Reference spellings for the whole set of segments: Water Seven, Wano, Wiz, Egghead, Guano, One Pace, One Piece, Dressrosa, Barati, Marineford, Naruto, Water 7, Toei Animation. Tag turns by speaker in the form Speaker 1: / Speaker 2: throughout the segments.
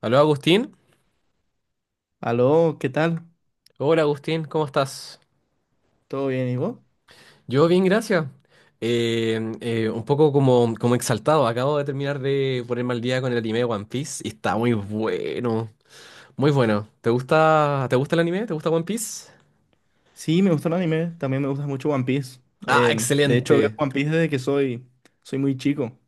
Speaker 1: Aló, Agustín.
Speaker 2: Aló, ¿qué tal?
Speaker 1: Hola, Agustín, ¿cómo estás?
Speaker 2: ¿Todo bien, y vos?
Speaker 1: Yo bien, gracias. Un poco como, como exaltado. Acabo de terminar de ponerme al día con el anime de One Piece y está muy bueno. Muy bueno. ¿Te gusta el anime? ¿Te gusta One Piece?
Speaker 2: Sí, me gusta el anime, también me gusta mucho One Piece.
Speaker 1: Ah,
Speaker 2: De hecho, veo
Speaker 1: excelente.
Speaker 2: One Piece desde que soy muy chico.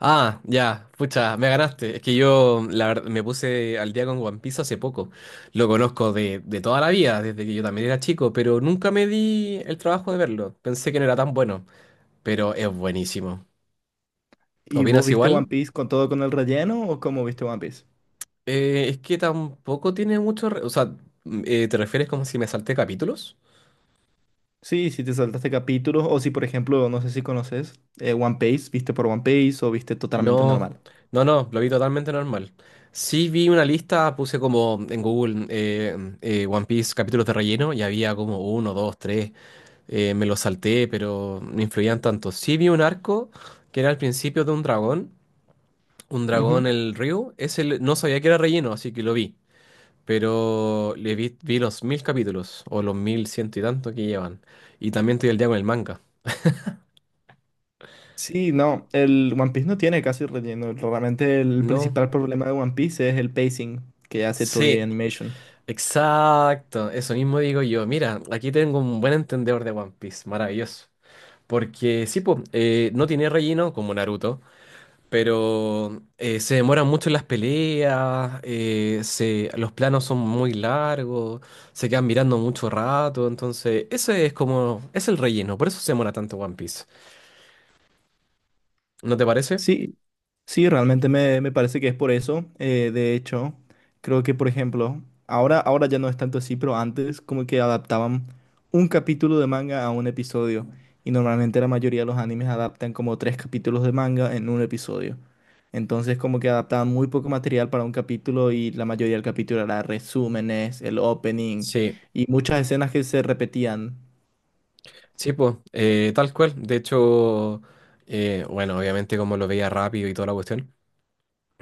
Speaker 1: Ah, ya, pucha, me ganaste. Es que yo la verdad, me puse al día con One Piece hace poco. Lo conozco de toda la vida, desde que yo también era chico, pero nunca me di el trabajo de verlo. Pensé que no era tan bueno, pero es buenísimo.
Speaker 2: ¿Y vos
Speaker 1: ¿Opinas
Speaker 2: viste One
Speaker 1: igual?
Speaker 2: Piece con todo con el relleno o cómo viste One Piece?
Speaker 1: Es que tampoco tiene mucho o sea, ¿te refieres como si me salté capítulos?
Speaker 2: Sí, si te saltaste capítulos o si, por ejemplo, no sé si conoces One Piece, ¿viste por One Piece o viste totalmente
Speaker 1: No,
Speaker 2: normal?
Speaker 1: no, no, lo vi totalmente normal. Sí vi una lista, puse como en Google One Piece capítulos de relleno y había como uno, dos, tres. Me los salté, pero no influían tanto. Sí vi un arco que era al principio de un dragón
Speaker 2: Ujú.
Speaker 1: el río. Ese no sabía que era relleno, así que lo vi. Pero vi los mil capítulos, o los mil ciento y tanto que llevan. Y también estoy al día con el manga.
Speaker 2: Sí, no, el One Piece no tiene casi relleno. Realmente el
Speaker 1: No,
Speaker 2: principal problema de One Piece es el pacing que hace Toei
Speaker 1: sí,
Speaker 2: Animation.
Speaker 1: exacto. Eso mismo digo yo. Mira, aquí tengo un buen entendedor de One Piece. Maravilloso. Porque sí, po, no tiene relleno como Naruto, pero se demoran mucho en las peleas, se, los planos son muy largos, se quedan mirando mucho rato, entonces ese es como, es el relleno, por eso se demora tanto One Piece. ¿No te parece?
Speaker 2: Sí, sí, realmente me parece que es por eso. De hecho, creo que, por ejemplo, ahora ya no es tanto así, pero antes como que adaptaban un capítulo de manga a un episodio. Y normalmente la mayoría de los animes adaptan como tres capítulos de manga en un episodio. Entonces como que adaptaban muy poco material para un capítulo y la mayoría del capítulo era resúmenes, el opening
Speaker 1: Sí.
Speaker 2: y muchas escenas que se repetían.
Speaker 1: Sí, pues, tal cual. De hecho, bueno, obviamente como lo veía rápido y toda la cuestión,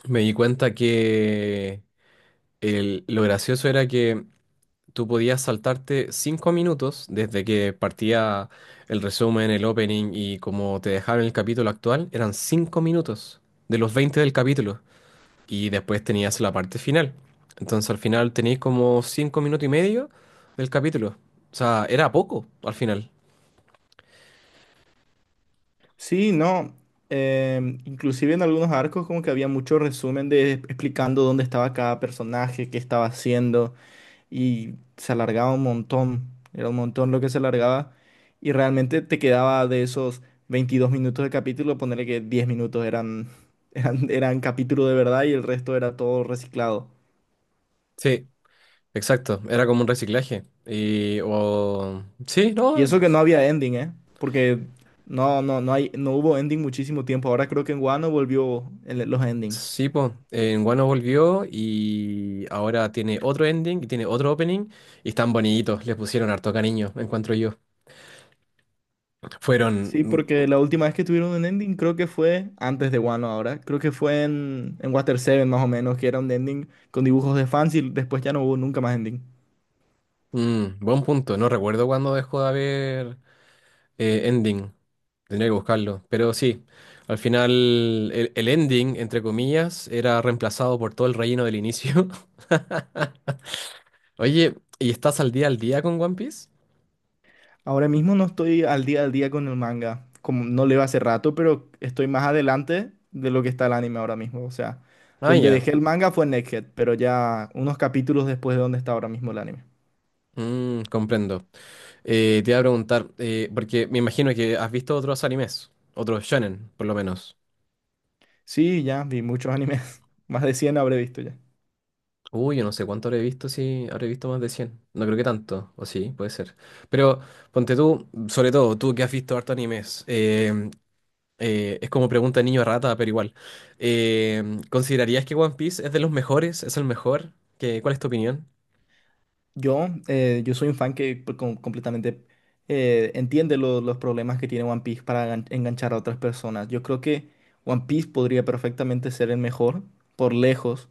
Speaker 1: me di cuenta que lo gracioso era que tú podías saltarte cinco minutos desde que partía el resumen, el opening y como te dejaron el capítulo actual, eran cinco minutos de los 20 del capítulo. Y después tenías la parte final. Entonces al final tenías como cinco minutos y medio del capítulo. O sea, era poco al final.
Speaker 2: Sí, no. Inclusive en algunos arcos como que había mucho resumen de explicando dónde estaba cada personaje, qué estaba haciendo y se alargaba un montón. Era un montón lo que se alargaba y realmente te quedaba de esos 22 minutos de capítulo, ponerle que 10 minutos eran capítulo de verdad y el resto era todo reciclado.
Speaker 1: Sí. Exacto, era como un reciclaje. Y, o, sí,
Speaker 2: Y
Speaker 1: no,
Speaker 2: eso que no había ending, ¿eh? Porque no hay, no hubo ending muchísimo tiempo. Ahora creo que en Wano volvió los endings.
Speaker 1: sí, pues. En Guano volvió y ahora tiene otro ending y tiene otro opening y están bonitos, les pusieron harto cariño, encuentro yo. Fueron,
Speaker 2: Sí,
Speaker 1: mm,
Speaker 2: porque la última vez que tuvieron un ending creo que fue antes de Wano ahora. Creo que fue en Water Seven más o menos, que era un ending con dibujos de fans y después ya no hubo nunca más ending.
Speaker 1: buen punto, no recuerdo cuándo dejó de haber ending, tendría que buscarlo, pero sí, al final el ending, entre comillas, era reemplazado por todo el relleno del inicio. Oye, ¿y estás al día con One Piece?
Speaker 2: Ahora mismo no estoy al día con el manga, como no leo hace rato, pero estoy más adelante de lo que está el anime ahora mismo. O sea,
Speaker 1: Ah,
Speaker 2: donde
Speaker 1: ya.
Speaker 2: dejé el manga fue en Egghead, pero ya unos capítulos después de donde está ahora mismo el anime.
Speaker 1: Mm, comprendo. Te iba a preguntar, porque me imagino que has visto otros animes, otros shonen, por lo menos.
Speaker 2: Sí, ya vi muchos animes. Más de 100 habré visto ya.
Speaker 1: Uy, yo no sé cuánto habré visto, si habré visto más de cien. No creo que tanto, o sí, puede ser. Pero ponte tú, sobre todo, tú que has visto harto animes, es como pregunta de niño rata, pero igual. Eh, ¿Considerarías que One Piece es de los mejores? ¿Es el mejor? Cuál es tu opinión?
Speaker 2: Yo, yo soy un fan que pues, completamente entiende los problemas que tiene One Piece para enganchar a otras personas. Yo creo que One Piece podría perfectamente ser el mejor, por lejos,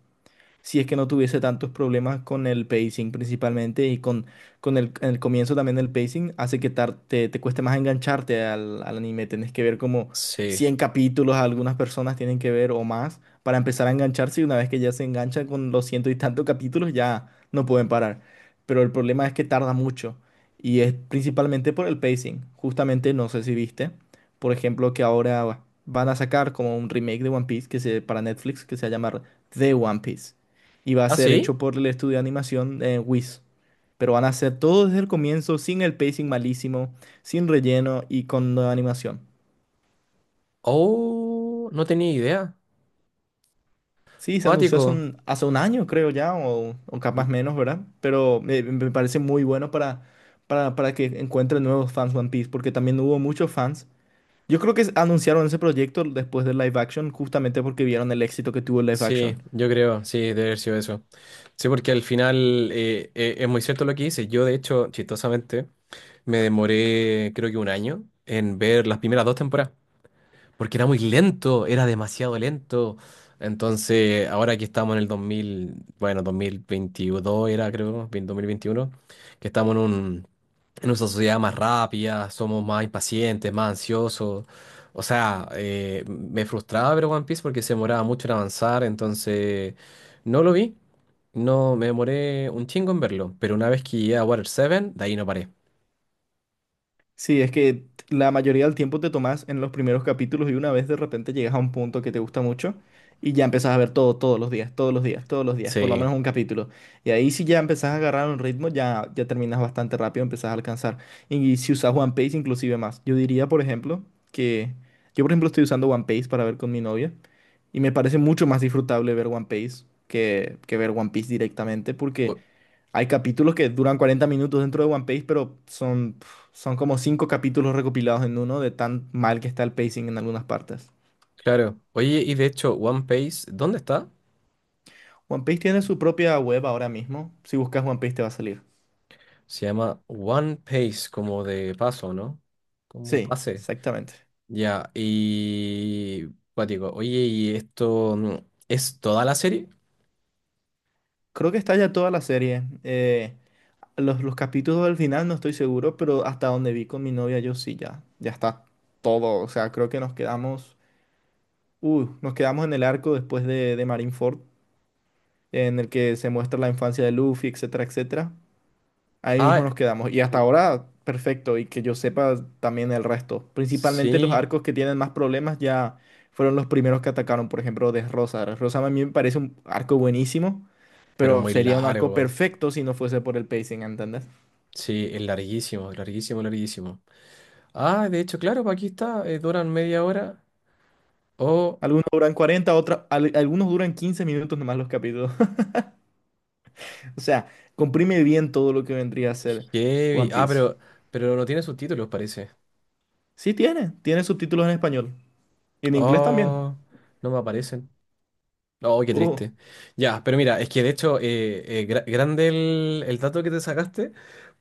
Speaker 2: si es que no tuviese tantos problemas con el pacing principalmente en el comienzo también el pacing hace que te cueste más engancharte al anime. Tenés que ver como
Speaker 1: Sí.
Speaker 2: 100 capítulos, algunas personas tienen que ver o más para empezar a engancharse y una vez que ya se enganchan con los ciento y tantos capítulos ya no pueden parar. Pero el problema es que tarda mucho y es principalmente por el pacing. Justamente no sé si viste, por ejemplo, que ahora van a sacar como un remake de One Piece que se, para Netflix que se llama The One Piece y va a
Speaker 1: ¿Ah,
Speaker 2: ser
Speaker 1: sí?
Speaker 2: hecho por el estudio de animación Wiz. Pero van a hacer todo desde el comienzo, sin el pacing malísimo, sin relleno y con nueva animación.
Speaker 1: Oh, no tenía idea.
Speaker 2: Sí, se anunció
Speaker 1: Cuático.
Speaker 2: hace un año, creo ya, o capaz menos, ¿verdad? Pero me parece muy bueno para que encuentren nuevos fans One Piece, porque también hubo muchos fans. Yo creo que anunciaron ese proyecto después del live action, justamente porque vieron el éxito que tuvo el live
Speaker 1: Sí,
Speaker 2: action.
Speaker 1: yo creo, sí, debe haber sido eso. Sí, porque al final es muy cierto lo que dices. Yo, de hecho, chistosamente, me demoré creo que un año en ver las primeras dos temporadas porque era muy lento, era demasiado lento. Entonces, ahora que estamos en el 2000, bueno, 2022 era, creo, 2021, que estamos en un, en una sociedad más rápida, somos más impacientes, más ansiosos. O sea, me frustraba ver One Piece porque se demoraba mucho en avanzar, entonces no lo vi, no me demoré un chingo en verlo, pero una vez que llegué a Water 7, de ahí no paré.
Speaker 2: Sí, es que la mayoría del tiempo te tomas en los primeros capítulos y una vez de repente llegas a un punto que te gusta mucho y ya empezás a ver todo todos los días, todos los días, todos los días, por lo
Speaker 1: Sí,
Speaker 2: menos un capítulo. Y ahí si ya empezás a agarrar un ritmo, ya, ya terminas bastante rápido, empezás a alcanzar. Y si usas One Piece, inclusive más. Yo diría, por ejemplo, que yo, por ejemplo, estoy usando One Piece para ver con mi novia y me parece mucho más disfrutable ver One Piece que ver One Piece directamente
Speaker 1: o-
Speaker 2: porque... Hay capítulos que duran 40 minutos dentro de One Piece, pero son, pf, son como cinco capítulos recopilados en uno de tan mal que está el pacing en algunas partes.
Speaker 1: claro. Oye, y de hecho, One Piece, ¿dónde está?
Speaker 2: One Piece tiene su propia web ahora mismo. Si buscas One Piece te va a salir.
Speaker 1: Se llama One Pace, como de paso, ¿no? Como
Speaker 2: Sí,
Speaker 1: pase.
Speaker 2: exactamente.
Speaker 1: Ya, y... Cuático, oye, ¿y esto es toda la serie?
Speaker 2: Creo que está ya toda la serie. Los capítulos del final no estoy seguro, pero hasta donde vi con mi novia yo sí, ya, ya está todo. O sea, creo que nos quedamos en el arco después de Marineford, en el que se muestra la infancia de Luffy, etcétera, etcétera. Ahí mismo
Speaker 1: Ah,
Speaker 2: nos quedamos. Y hasta ahora, perfecto. Y que yo sepa también el resto. Principalmente los
Speaker 1: sí,
Speaker 2: arcos que tienen más problemas ya fueron los primeros que atacaron. Por ejemplo, Desrosa. Rosa. A mí me parece un arco buenísimo,
Speaker 1: pero
Speaker 2: pero
Speaker 1: muy
Speaker 2: sería un arco
Speaker 1: largo.
Speaker 2: perfecto si no fuese por el pacing, ¿entendés?
Speaker 1: Sí, es larguísimo, larguísimo, larguísimo. Ah, de hecho, claro, pues aquí está, duran media hora. Oh,
Speaker 2: Algunos duran 40, algunos duran 15 minutos nomás los capítulos. O sea, comprime bien todo lo que vendría a ser
Speaker 1: heavy.
Speaker 2: One
Speaker 1: Ah,
Speaker 2: Piece.
Speaker 1: pero no tiene subtítulos, parece.
Speaker 2: Sí tiene, tiene subtítulos en español. Y en inglés también.
Speaker 1: Oh, no me aparecen. Oh, qué
Speaker 2: Uh,
Speaker 1: triste. Ya, pero mira, es que de hecho, grande el dato que te sacaste,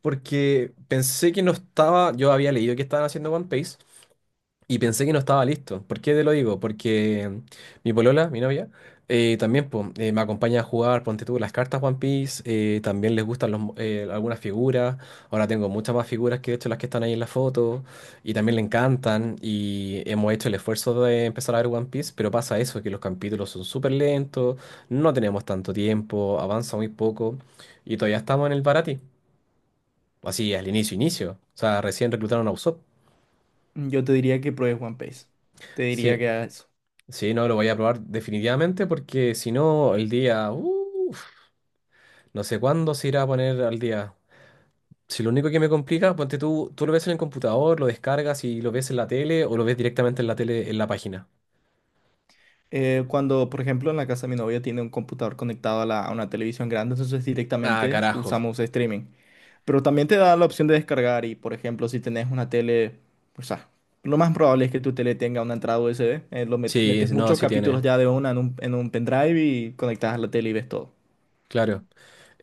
Speaker 1: porque pensé que no estaba, yo había leído que estaban haciendo One Piece, y pensé que no estaba listo. ¿Por qué te lo digo? Porque mi polola, mi novia, también po, me acompaña a jugar, ponte tú, las cartas One Piece, también les gustan los algunas figuras. Ahora tengo muchas más figuras que de hecho las que están ahí en la foto. Y también le encantan. Y hemos hecho el esfuerzo de empezar a ver One Piece, pero pasa eso, que los capítulos son súper lentos, no tenemos tanto tiempo, avanza muy poco. Y todavía estamos en el Barati. Así, al inicio, inicio. O sea, recién reclutaron a Usopp.
Speaker 2: yo te diría que pruebes One Piece. Te diría
Speaker 1: Sí.
Speaker 2: que hagas.
Speaker 1: Sí, no, lo voy a probar definitivamente porque si no, el día, uf, no sé cuándo se irá a poner al día. Si lo único que me complica, ponte tú, tú lo ves en el computador, lo descargas y lo ves en la tele o lo ves directamente en la tele, en la página.
Speaker 2: Cuando, por ejemplo, en la casa de mi novia tiene un computador conectado a una televisión grande, entonces
Speaker 1: Ah,
Speaker 2: directamente
Speaker 1: carajo.
Speaker 2: usamos streaming. Pero también te da la opción de descargar y, por ejemplo, si tenés una tele, o sea, lo más probable es que tu tele tenga una entrada USB,
Speaker 1: Sí,
Speaker 2: metes
Speaker 1: no,
Speaker 2: muchos
Speaker 1: sí
Speaker 2: capítulos
Speaker 1: tiene,
Speaker 2: ya de una en un pendrive y conectas a la tele y ves todo.
Speaker 1: claro.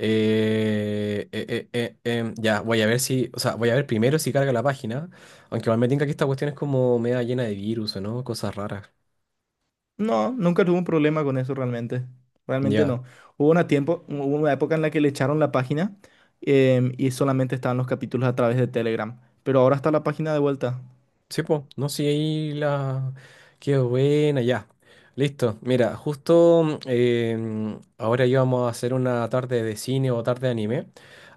Speaker 1: Ya, voy a ver si, o sea, voy a ver primero si carga la página, aunque igual me tinca que esta cuestión es como media llena de virus, ¿no? Cosas raras.
Speaker 2: No, nunca tuve un problema con eso realmente. Realmente
Speaker 1: Ya.
Speaker 2: no. Hubo una época en la que le echaron la página y solamente estaban los capítulos a través de Telegram. Pero ahora está la página de vuelta.
Speaker 1: Sí, pues, no, sí, ahí la... Qué buena, ya. Listo. Mira, justo ahora íbamos a hacer una tarde de cine o tarde de anime.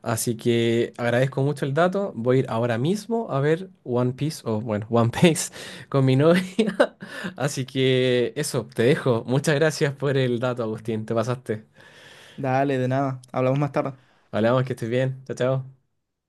Speaker 1: Así que agradezco mucho el dato. Voy a ir ahora mismo a ver One Piece, o bueno, One Piece con mi novia. Así que eso, te dejo. Muchas gracias por el dato, Agustín. Te pasaste.
Speaker 2: Dale, de nada. Hablamos más tarde.
Speaker 1: Hablamos, que estés bien. Chao, chao.